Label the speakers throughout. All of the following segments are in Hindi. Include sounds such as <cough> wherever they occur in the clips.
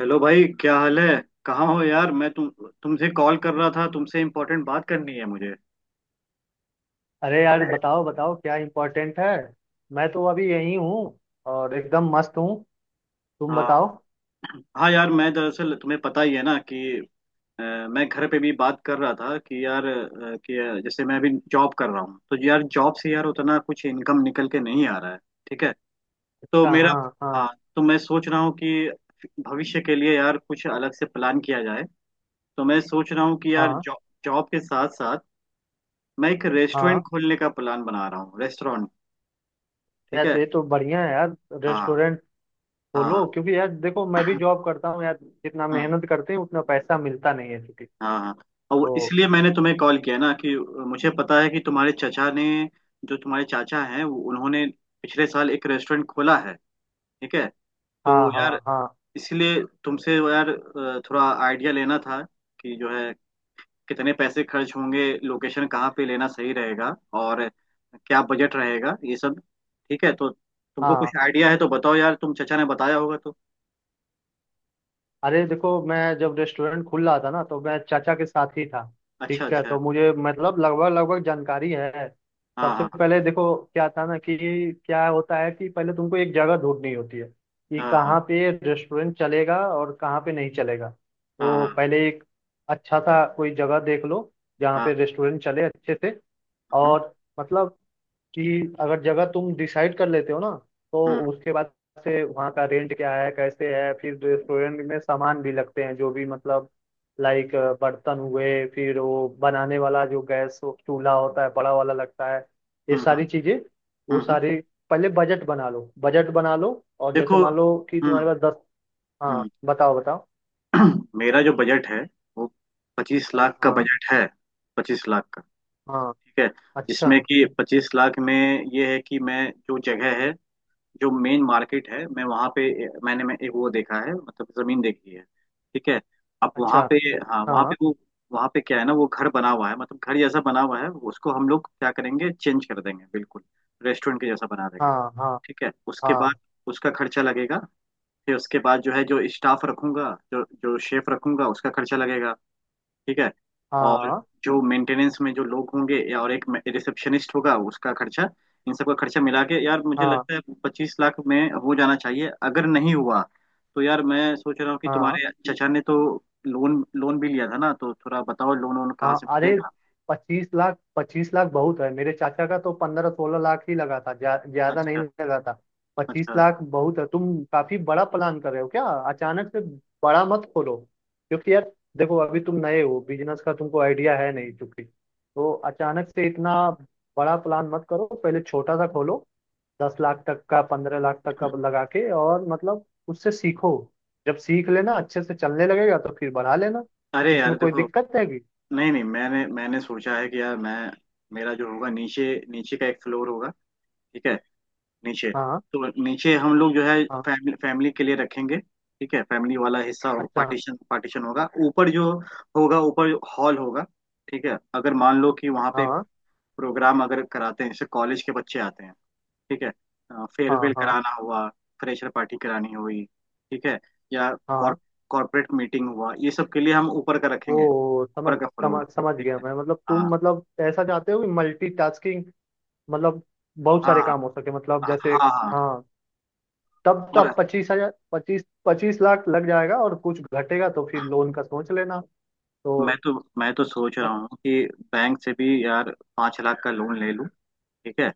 Speaker 1: हेलो भाई, क्या हाल है। कहाँ हो यार। मैं तुमसे कॉल कर रहा था, तुमसे इम्पोर्टेंट बात करनी है मुझे।
Speaker 2: अरे यार बताओ बताओ क्या इम्पोर्टेंट है। मैं तो अभी यही हूँ और एकदम मस्त हूँ। तुम
Speaker 1: हाँ।
Speaker 2: बताओ।
Speaker 1: हाँ यार, मैं दरअसल तुम्हें पता ही है ना कि अ, मैं घर पे भी बात कर रहा था कि यार जैसे मैं अभी जॉब कर रहा हूँ, तो यार जॉब से यार उतना कुछ इनकम निकल के नहीं आ रहा है। ठीक है। तो
Speaker 2: अच्छा
Speaker 1: मेरा,
Speaker 2: हाँ हाँ।
Speaker 1: हाँ। तो मैं सोच रहा हूँ कि भविष्य के लिए यार कुछ अलग से प्लान किया जाए। तो मैं सोच रहा हूँ कि यार
Speaker 2: हाँ
Speaker 1: जॉब जॉब के साथ साथ मैं एक रेस्टोरेंट
Speaker 2: हाँ
Speaker 1: खोलने का प्लान बना रहा हूँ। रेस्टोरेंट। ठीक
Speaker 2: यार, तो
Speaker 1: है।
Speaker 2: ये तो बढ़िया है यार।
Speaker 1: हाँ।
Speaker 2: रेस्टोरेंट
Speaker 1: हाँ।
Speaker 2: खोलो, क्योंकि यार देखो मैं भी
Speaker 1: हाँ।
Speaker 2: जॉब करता हूँ यार, जितना
Speaker 1: <clears throat> हाँ।
Speaker 2: मेहनत करते हैं उतना पैसा मिलता नहीं है क्योंकि।
Speaker 1: हाँ। हाँ। और वो
Speaker 2: तो
Speaker 1: इसलिए मैंने तुम्हें कॉल किया ना, कि मुझे पता है कि तुम्हारे चचा ने, जो तुम्हारे चाचा हैं, उन्होंने पिछले साल एक रेस्टोरेंट खोला है। ठीक है। तो
Speaker 2: हाँ हाँ
Speaker 1: यार,
Speaker 2: हाँ।
Speaker 1: इसलिए तुमसे यार थोड़ा आइडिया लेना था, कि जो है कितने पैसे खर्च होंगे, लोकेशन कहाँ पे लेना सही रहेगा और क्या बजट रहेगा, ये सब। ठीक है। तो तुमको
Speaker 2: हाँ
Speaker 1: कुछ आइडिया है तो बताओ यार, तुम चचा ने बताया होगा तो।
Speaker 2: अरे देखो, मैं जब रेस्टोरेंट खुल रहा था ना तो मैं चाचा के साथ ही था।
Speaker 1: अच्छा।
Speaker 2: ठीक है,
Speaker 1: अच्छा।
Speaker 2: तो मुझे मतलब लगभग लगभग जानकारी है।
Speaker 1: हाँ।
Speaker 2: सबसे
Speaker 1: हाँ।
Speaker 2: पहले देखो क्या था ना कि क्या होता है कि पहले तुमको एक जगह ढूंढनी होती है कि
Speaker 1: हाँ। हाँ।
Speaker 2: कहाँ पे रेस्टोरेंट चलेगा और कहाँ पे नहीं चलेगा।
Speaker 1: हाँ।
Speaker 2: तो
Speaker 1: हाँ।
Speaker 2: पहले एक अच्छा सा कोई जगह देख लो जहाँ
Speaker 1: हाँ।
Speaker 2: पे रेस्टोरेंट चले अच्छे से।
Speaker 1: हाँ।
Speaker 2: और मतलब कि अगर जगह तुम डिसाइड कर लेते हो ना, तो
Speaker 1: हम्म।
Speaker 2: उसके बाद से वहाँ का रेंट क्या है, कैसे है, फिर रेस्टोरेंट में सामान भी लगते हैं जो भी, मतलब लाइक बर्तन हुए, फिर वो बनाने वाला जो गैस चूल्हा होता है बड़ा वाला लगता है, ये
Speaker 1: हम्म।
Speaker 2: सारी चीजें वो
Speaker 1: हम्म।
Speaker 2: सारी। पहले बजट बना लो, बजट बना लो। और जैसे
Speaker 1: देखो।
Speaker 2: मान लो कि तुम्हारे
Speaker 1: हम्म।
Speaker 2: पास 10। हाँ
Speaker 1: हम्म।
Speaker 2: बताओ बताओ।
Speaker 1: <clears throat> मेरा जो बजट है वो 25 लाख का
Speaker 2: हाँ
Speaker 1: बजट है। 25 लाख का।
Speaker 2: हाँ।
Speaker 1: ठीक है।
Speaker 2: अच्छा
Speaker 1: जिसमें कि 25 लाख में ये है कि मैं जो जगह है, जो मेन मार्केट है, मैं वहाँ पे मैंने मैं एक वो देखा है, मतलब जमीन देखी है। ठीक है। अब वहाँ
Speaker 2: अच्छा।
Speaker 1: पे, हाँ वहाँ
Speaker 2: हाँ
Speaker 1: पे वो वहाँ पे क्या है ना, वो घर बना हुआ है, मतलब घर जैसा बना हुआ है। उसको हम लोग क्या करेंगे, चेंज कर देंगे बिल्कुल। रेस्टोरेंट के जैसा बना देंगे।
Speaker 2: हाँ हाँ
Speaker 1: ठीक है। उसके बाद
Speaker 2: हाँ
Speaker 1: उसका खर्चा लगेगा। फिर उसके बाद जो है, जो स्टाफ रखूंगा, जो जो शेफ रखूंगा, उसका खर्चा लगेगा। ठीक है। और
Speaker 2: हाँ
Speaker 1: जो मेंटेनेंस में जो लोग होंगे या और एक रिसेप्शनिस्ट होगा, उसका खर्चा, इन सब का खर्चा मिला के यार मुझे
Speaker 2: हाँ
Speaker 1: लगता है 25 लाख में हो जाना चाहिए। अगर नहीं हुआ तो यार मैं सोच रहा हूँ कि
Speaker 2: हाँ
Speaker 1: तुम्हारे चचा ने तो लोन लोन भी लिया था ना, तो थोड़ा बताओ लोन वोन कहाँ
Speaker 2: हाँ।
Speaker 1: से
Speaker 2: अरे
Speaker 1: मिलेगा।
Speaker 2: 25 लाख 25 लाख बहुत है। मेरे चाचा का तो 15-16 लाख ही लगा था, ज्यादा नहीं
Speaker 1: अच्छा।
Speaker 2: लगा था। पच्चीस
Speaker 1: अच्छा।
Speaker 2: लाख बहुत है। तुम काफी बड़ा प्लान कर रहे हो क्या अचानक से? बड़ा मत खोलो, क्योंकि यार देखो अभी तुम नए हो, बिजनेस का तुमको आइडिया है नहीं चूंकि। तो अचानक से इतना बड़ा प्लान मत करो, पहले छोटा सा खोलो। 10 लाख तक का, 15 लाख तक का लगा के, और मतलब उससे सीखो। जब सीख लेना, अच्छे से चलने लगेगा, तो फिर बढ़ा लेना।
Speaker 1: अरे यार
Speaker 2: इसमें कोई
Speaker 1: देखो,
Speaker 2: दिक्कत है कि।
Speaker 1: नहीं नहीं, मैंने मैंने सोचा है कि यार मैं मेरा जो होगा, नीचे नीचे का एक फ्लोर होगा। ठीक है। नीचे।
Speaker 2: हाँ
Speaker 1: तो नीचे हम लोग जो है
Speaker 2: हाँ
Speaker 1: फैमिली फैमिली के लिए रखेंगे। ठीक है। फैमिली वाला हिस्सा
Speaker 2: अच्छा।
Speaker 1: पार्टीशन पार्टीशन होगा। ऊपर जो होगा ऊपर, हॉल होगा। ठीक है। अगर मान लो कि वहाँ पे
Speaker 2: हाँ
Speaker 1: प्रोग्राम अगर कराते हैं, जैसे कॉलेज के बच्चे आते हैं, ठीक है,
Speaker 2: हाँ
Speaker 1: फेयरवेल
Speaker 2: हाँ
Speaker 1: कराना हुआ, फ्रेशर पार्टी करानी हुई, ठीक है, या
Speaker 2: हाँ।
Speaker 1: कॉर्पोरेट मीटिंग हुआ, ये सब के लिए हम ऊपर का रखेंगे,
Speaker 2: वो
Speaker 1: ऊपर
Speaker 2: समझ
Speaker 1: का फ्लोर।
Speaker 2: समझ समझ
Speaker 1: ठीक
Speaker 2: गया
Speaker 1: है।
Speaker 2: मैं, मतलब तुम
Speaker 1: हाँ।
Speaker 2: मतलब ऐसा चाहते हो कि मल्टीटास्किंग, मतलब बहुत
Speaker 1: हाँ।
Speaker 2: सारे काम हो सके, मतलब
Speaker 1: हाँ।
Speaker 2: जैसे।
Speaker 1: हाँ। हाँ। हाँ।
Speaker 2: हाँ। तब
Speaker 1: और
Speaker 2: तब पच्चीस हजार पच्चीस 25 लाख लग जाएगा, और कुछ घटेगा तो फिर लोन का सोच लेना। तो
Speaker 1: मैं तो मैं तो सोच रहा
Speaker 2: मतलब।
Speaker 1: हूँ कि बैंक से भी यार 5 लाख का लोन ले लूँ। ठीक है।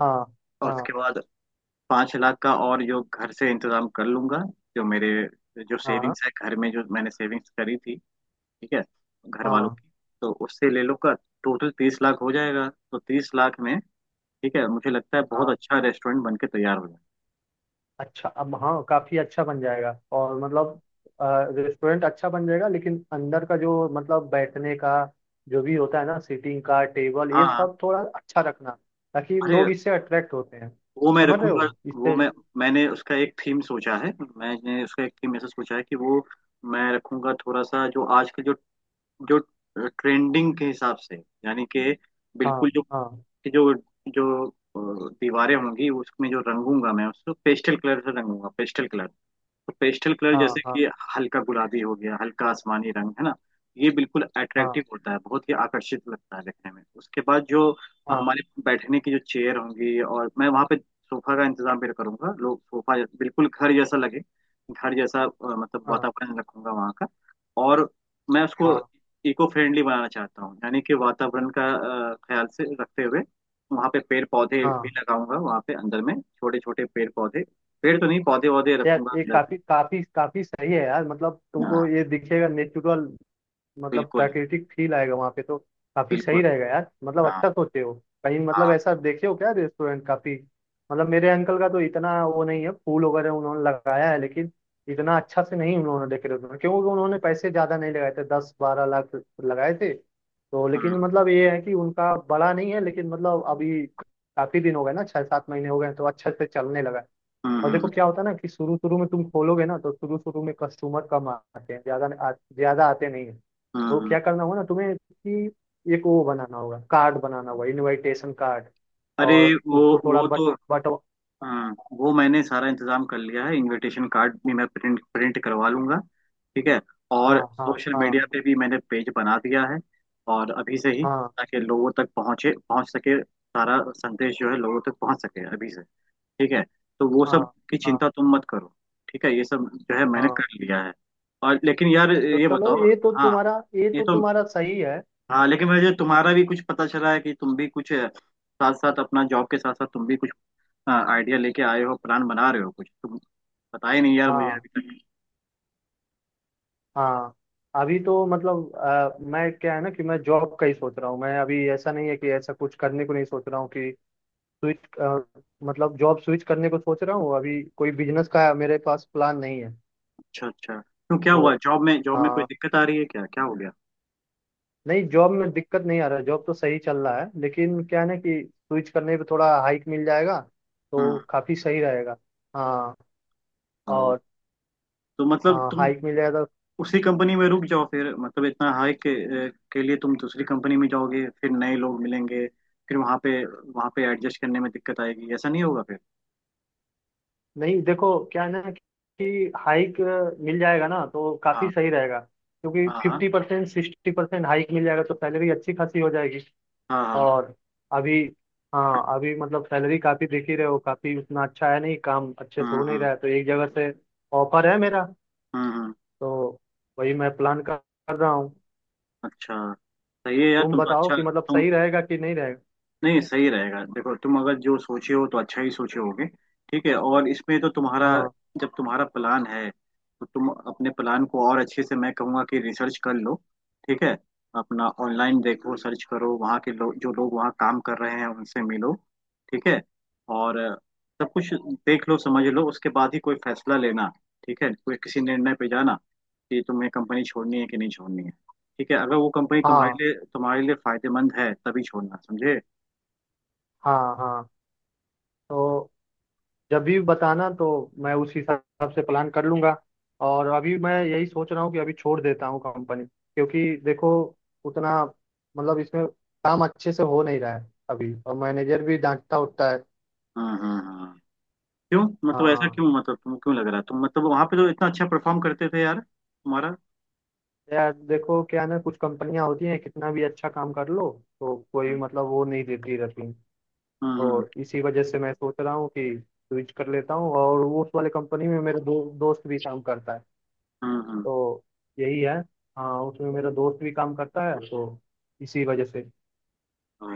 Speaker 2: हाँ
Speaker 1: और
Speaker 2: हाँ
Speaker 1: उसके बाद 5 लाख का और जो घर से इंतजाम कर लूंगा, जो मेरे जो
Speaker 2: हाँ
Speaker 1: सेविंग्स है घर में, जो मैंने सेविंग्स करी थी। ठीक है। घर वालों
Speaker 2: हाँ
Speaker 1: की, तो उससे ले लूंगा। टोटल 30 लाख हो जाएगा। तो 30 लाख में ठीक है, मुझे लगता है बहुत
Speaker 2: हाँ।
Speaker 1: अच्छा रेस्टोरेंट बन के तैयार हो जाएगा।
Speaker 2: अच्छा अब। हाँ काफी अच्छा बन जाएगा, और मतलब रेस्टोरेंट अच्छा बन जाएगा, लेकिन अंदर का जो मतलब बैठने का जो भी होता है ना, सीटिंग का टेबल, ये
Speaker 1: हाँ।
Speaker 2: सब थोड़ा अच्छा रखना, ताकि
Speaker 1: अरे
Speaker 2: लोग इससे अट्रैक्ट होते हैं।
Speaker 1: वो मैं
Speaker 2: समझ रहे
Speaker 1: रखूंगा।
Speaker 2: हो
Speaker 1: वो
Speaker 2: इससे।
Speaker 1: मैं मैंने उसका एक थीम सोचा है मैंने उसका एक थीम ऐसा सोचा है कि वो मैं रखूंगा थोड़ा सा, जो आज के जो जो ट्रेंडिंग के हिसाब से, यानी कि
Speaker 2: हाँ
Speaker 1: बिल्कुल जो
Speaker 2: हाँ
Speaker 1: जो जो अ, दीवारें होंगी, उसमें जो रंगूंगा मैं उसको पेस्टल कलर से रंगूंगा। पेस्टल कलर, तो पेस्टल कलर जैसे
Speaker 2: हाँ हाँ
Speaker 1: कि हल्का गुलाबी हो गया, हल्का आसमानी रंग, है ना। ये बिल्कुल अट्रैक्टिव
Speaker 2: हाँ
Speaker 1: होता है, बहुत ही आकर्षित लगता है देखने में। उसके बाद जो
Speaker 2: हाँ
Speaker 1: हमारे बैठने की जो चेयर होंगी, और मैं वहाँ पे सोफा का इंतजाम भी करूंगा, लोग सोफा बिल्कुल घर जैसा लगे, घर जैसा, मतलब
Speaker 2: हाँ
Speaker 1: वातावरण रखूंगा वहाँ का। और मैं उसको
Speaker 2: हाँ
Speaker 1: इको फ्रेंडली बनाना चाहता हूँ, यानी कि वातावरण का ख्याल से रखते हुए वहाँ पे पेड़ पौधे भी
Speaker 2: हाँ
Speaker 1: लगाऊंगा, वहाँ पे अंदर में छोटे छोटे पेड़ पौधे, पेड़ तो नहीं पौधे वौधे
Speaker 2: यार,
Speaker 1: रखूंगा
Speaker 2: ये
Speaker 1: अंदर
Speaker 2: काफी
Speaker 1: में।
Speaker 2: काफी काफी सही है यार, मतलब तुमको
Speaker 1: हाँ।
Speaker 2: ये दिखेगा नेचुरल, मतलब
Speaker 1: बिल्कुल।
Speaker 2: प्राकृतिक फील आएगा वहां पे, तो काफी सही
Speaker 1: बिल्कुल।
Speaker 2: रहेगा यार, मतलब
Speaker 1: हाँ।
Speaker 2: अच्छा सोचे हो। कहीं मतलब
Speaker 1: हाँ।
Speaker 2: ऐसा देखे हो क्या रेस्टोरेंट काफी? मतलब मेरे अंकल का तो इतना वो नहीं है, फूल वगैरह उन्होंने लगाया है, लेकिन इतना अच्छा से नहीं उन्होंने डेकोरेट, क्योंकि उन्होंने पैसे ज्यादा नहीं लगाए थे, 10-12 लाख लगाए थे तो। लेकिन
Speaker 1: हम्म।
Speaker 2: मतलब ये है कि उनका बड़ा नहीं है, लेकिन मतलब अभी काफी दिन हो गए ना, 6-7 महीने हो गए हैं, तो अच्छे से चलने लगा है।
Speaker 1: हम्म।
Speaker 2: और देखो
Speaker 1: हम्म।
Speaker 2: क्या होता है ना कि शुरू शुरू में तुम खोलोगे ना, तो शुरू शुरू में कस्टमर कम आते हैं, ज्यादा आते नहीं है।
Speaker 1: हम्म।
Speaker 2: तो
Speaker 1: हम्म। हम्म।
Speaker 2: क्या करना होगा ना तुम्हें कि एक वो बनाना होगा, कार्ड बनाना होगा, इनविटेशन कार्ड,
Speaker 1: अरे,
Speaker 2: और
Speaker 1: वो
Speaker 2: उसको थोड़ा
Speaker 1: वो
Speaker 2: बट
Speaker 1: तो,
Speaker 2: बट
Speaker 1: हाँ, वो मैंने सारा इंतजाम कर लिया है। इनविटेशन कार्ड भी मैं प्रिंट प्रिंट करवा लूंगा। ठीक है।
Speaker 2: हाँ
Speaker 1: और
Speaker 2: हाँ
Speaker 1: सोशल
Speaker 2: हाँ
Speaker 1: मीडिया पे भी मैंने पेज बना दिया है, और अभी से ही,
Speaker 2: हाँ
Speaker 1: ताकि लोगों तक पहुंच सके, सारा संदेश जो है लोगों तक पहुंच सके अभी से। ठीक है। तो वो
Speaker 2: हाँ
Speaker 1: सब की
Speaker 2: हाँ
Speaker 1: चिंता तुम मत करो। ठीक है, ये सब जो है मैंने
Speaker 2: हाँ।
Speaker 1: कर लिया है। और लेकिन यार,
Speaker 2: तो
Speaker 1: ये
Speaker 2: चलो,
Speaker 1: बताओ, हाँ
Speaker 2: ये
Speaker 1: ये
Speaker 2: तो
Speaker 1: तो,
Speaker 2: तुम्हारा सही है।
Speaker 1: हाँ लेकिन मुझे तुम्हारा भी कुछ पता चला है कि तुम भी कुछ साथ साथ अपना जॉब के साथ साथ, तुम भी कुछ आइडिया लेके आए हो, प्लान बना रहे हो कुछ तुम। पता ही नहीं यार मुझे
Speaker 2: हाँ
Speaker 1: अभी तक।
Speaker 2: हाँ। अभी तो मतलब मैं क्या है ना कि मैं जॉब का ही सोच रहा हूँ। मैं अभी ऐसा नहीं है कि ऐसा कुछ करने को नहीं सोच रहा हूँ कि स्विच अ, मतलब जॉब स्विच करने को सोच रहा हूँ। अभी कोई बिजनेस का मेरे पास प्लान नहीं है।
Speaker 1: अच्छा। अच्छा। क्यों, क्या
Speaker 2: तो
Speaker 1: हुआ, जॉब में
Speaker 2: अ,
Speaker 1: जॉब में कोई दिक्कत आ रही है, क्या क्या हो गया।
Speaker 2: नहीं, जॉब में दिक्कत नहीं आ रहा, जॉब तो सही चल रहा है, लेकिन क्या है ना कि स्विच करने पे थोड़ा हाइक मिल जाएगा,
Speaker 1: हम्म।
Speaker 2: तो काफी सही रहेगा। हाँ
Speaker 1: ओ,
Speaker 2: और
Speaker 1: तो मतलब तुम
Speaker 2: हाइक मिल जाएगा तो।
Speaker 1: उसी कंपनी में रुक जाओ फिर, मतलब इतना हाई के लिए तुम दूसरी कंपनी में जाओगे, फिर नए लोग मिलेंगे, फिर वहाँ पे एडजस्ट करने में दिक्कत आएगी, ऐसा नहीं होगा फिर।
Speaker 2: नहीं देखो क्या है ना कि हाइक मिल जाएगा ना, तो काफी
Speaker 1: हाँ।
Speaker 2: सही रहेगा, क्योंकि
Speaker 1: हाँ। हाँ।
Speaker 2: 50% 60% हाइक मिल जाएगा, तो सैलरी अच्छी खासी हो जाएगी।
Speaker 1: हाँ। हाँ।
Speaker 2: और अभी। हाँ अभी मतलब सैलरी काफ़ी देख ही रहे हो, काफ़ी उतना अच्छा है नहीं, काम अच्छे से हो नहीं
Speaker 1: हम्म।
Speaker 2: रहा है, तो एक जगह से ऑफर है मेरा।
Speaker 1: हम्म।
Speaker 2: तो वही मैं प्लान कर कर रहा हूँ।
Speaker 1: अच्छा सही है यार,
Speaker 2: तुम
Speaker 1: तुम तो
Speaker 2: बताओ
Speaker 1: अच्छा
Speaker 2: कि मतलब
Speaker 1: तुम,
Speaker 2: सही रहेगा कि नहीं रहेगा।
Speaker 1: नहीं सही रहेगा। देखो तुम अगर जो सोचे हो तो अच्छा ही सोचे होगे। ठीक है। और इसमें तो तुम्हारा,
Speaker 2: हाँ
Speaker 1: जब तुम्हारा प्लान है तो तुम अपने प्लान को और अच्छे से, मैं कहूँगा कि रिसर्च कर लो। ठीक है। अपना ऑनलाइन देखो, सर्च करो, वहाँ के लोग, जो लोग वहाँ काम कर रहे हैं उनसे मिलो। ठीक है। और सब कुछ देख लो, समझ लो, उसके बाद ही कोई फैसला लेना। ठीक है, कोई किसी निर्णय पे जाना कि तुम्हें कंपनी छोड़नी है कि नहीं छोड़नी है। ठीक है। अगर वो कंपनी तुम्हारे
Speaker 2: हाँ
Speaker 1: लिए तुम्हारे लिए फायदेमंद है तभी छोड़ना, समझे।
Speaker 2: हाँ हाँ। तो जब भी बताना, तो मैं उस हिसाब से प्लान कर लूँगा। और अभी मैं यही सोच रहा हूँ कि अभी छोड़ देता हूँ कंपनी, क्योंकि देखो उतना मतलब इसमें काम अच्छे से हो नहीं रहा है अभी, और मैनेजर भी डांटता उठता है।
Speaker 1: हाँ। हाँ। हाँ। हाँ। क्यों, मतलब ऐसा
Speaker 2: हाँ
Speaker 1: क्यों, मतलब तुम क्यों लग रहा तुम मतलब वहां पे तो इतना अच्छा परफॉर्म करते थे यार, तुम्हारा।
Speaker 2: यार देखो क्या है ना, कुछ कंपनियां होती हैं, कितना भी अच्छा काम कर लो तो कोई
Speaker 1: हम्म।
Speaker 2: मतलब वो नहीं देती रहती।
Speaker 1: हम्म।
Speaker 2: तो इसी वजह से मैं सोच रहा हूँ कि स्विच कर लेता हूँ, और वो उस वाले कंपनी में मेरे दोस्त भी काम करता है।
Speaker 1: हम्म। हम्म।
Speaker 2: तो यही है। हाँ उसमें मेरा दोस्त भी काम करता है, तो इसी वजह से।
Speaker 1: ओ,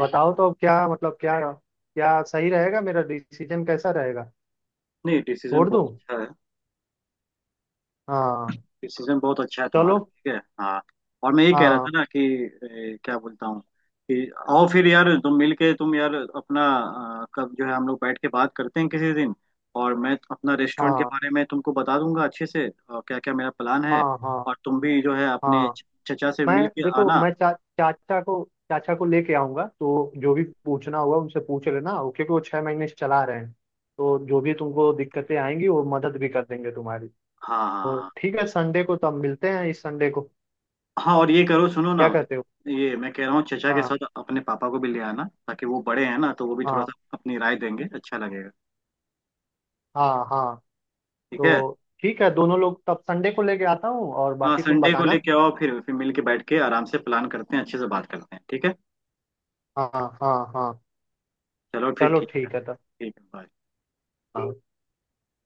Speaker 2: बताओ तो अब क्या, मतलब क्या क्या सही रहेगा, मेरा डिसीजन कैसा रहेगा,
Speaker 1: नहीं डिसीजन
Speaker 2: छोड़
Speaker 1: बहुत
Speaker 2: दूँ?
Speaker 1: अच्छा है,
Speaker 2: हाँ
Speaker 1: डिसीजन बहुत अच्छा है
Speaker 2: चलो।
Speaker 1: तुम्हारा। ठीक है। हाँ। और मैं ये कह रहा
Speaker 2: हाँ
Speaker 1: था ना कि ए, क्या बोलता हूँ, कि आओ फिर यार तुम मिल के, तुम यार अपना कब जो है हम लोग बैठ के बात करते हैं किसी दिन, और मैं अपना रेस्टोरेंट के
Speaker 2: हाँ
Speaker 1: बारे में तुमको बता दूंगा अच्छे से और क्या क्या मेरा प्लान है।
Speaker 2: हाँ हाँ
Speaker 1: और तुम भी जो है अपने
Speaker 2: हाँ।
Speaker 1: चचा से
Speaker 2: मैं
Speaker 1: मिल के
Speaker 2: देखो,
Speaker 1: आना।
Speaker 2: मैं चाचा को लेके आऊंगा, तो जो भी पूछना होगा उनसे पूछ लेना, क्योंकि वो 6 महीने से चला रहे हैं। तो जो भी तुमको दिक्कतें आएंगी वो मदद भी कर देंगे तुम्हारी।
Speaker 1: हाँ। हाँ।
Speaker 2: तो
Speaker 1: हाँ।
Speaker 2: ठीक है, संडे को तब मिलते हैं, इस संडे को।
Speaker 1: हाँ और ये करो सुनो ना,
Speaker 2: क्या कहते हो?
Speaker 1: ये मैं कह रहा हूँ चचा के
Speaker 2: हाँ
Speaker 1: साथ अपने पापा को भी ले आना ताकि वो बड़े हैं ना, तो वो भी थोड़ा
Speaker 2: हाँ
Speaker 1: सा अपनी राय देंगे, अच्छा लगेगा।
Speaker 2: हाँ हाँ।
Speaker 1: ठीक है।
Speaker 2: तो ठीक है, दोनों लोग तब संडे को लेके आता हूँ, और
Speaker 1: हाँ
Speaker 2: बाकी तुम
Speaker 1: संडे को
Speaker 2: बताना।
Speaker 1: लेके आओ, फिर मिल के बैठ के आराम से प्लान करते हैं, अच्छे से बात करते हैं। ठीक है।
Speaker 2: हाँ हाँ हाँ।
Speaker 1: चलो फिर,
Speaker 2: चलो
Speaker 1: ठीक है,
Speaker 2: ठीक है तब।
Speaker 1: ठीक है bye।
Speaker 2: हाँ।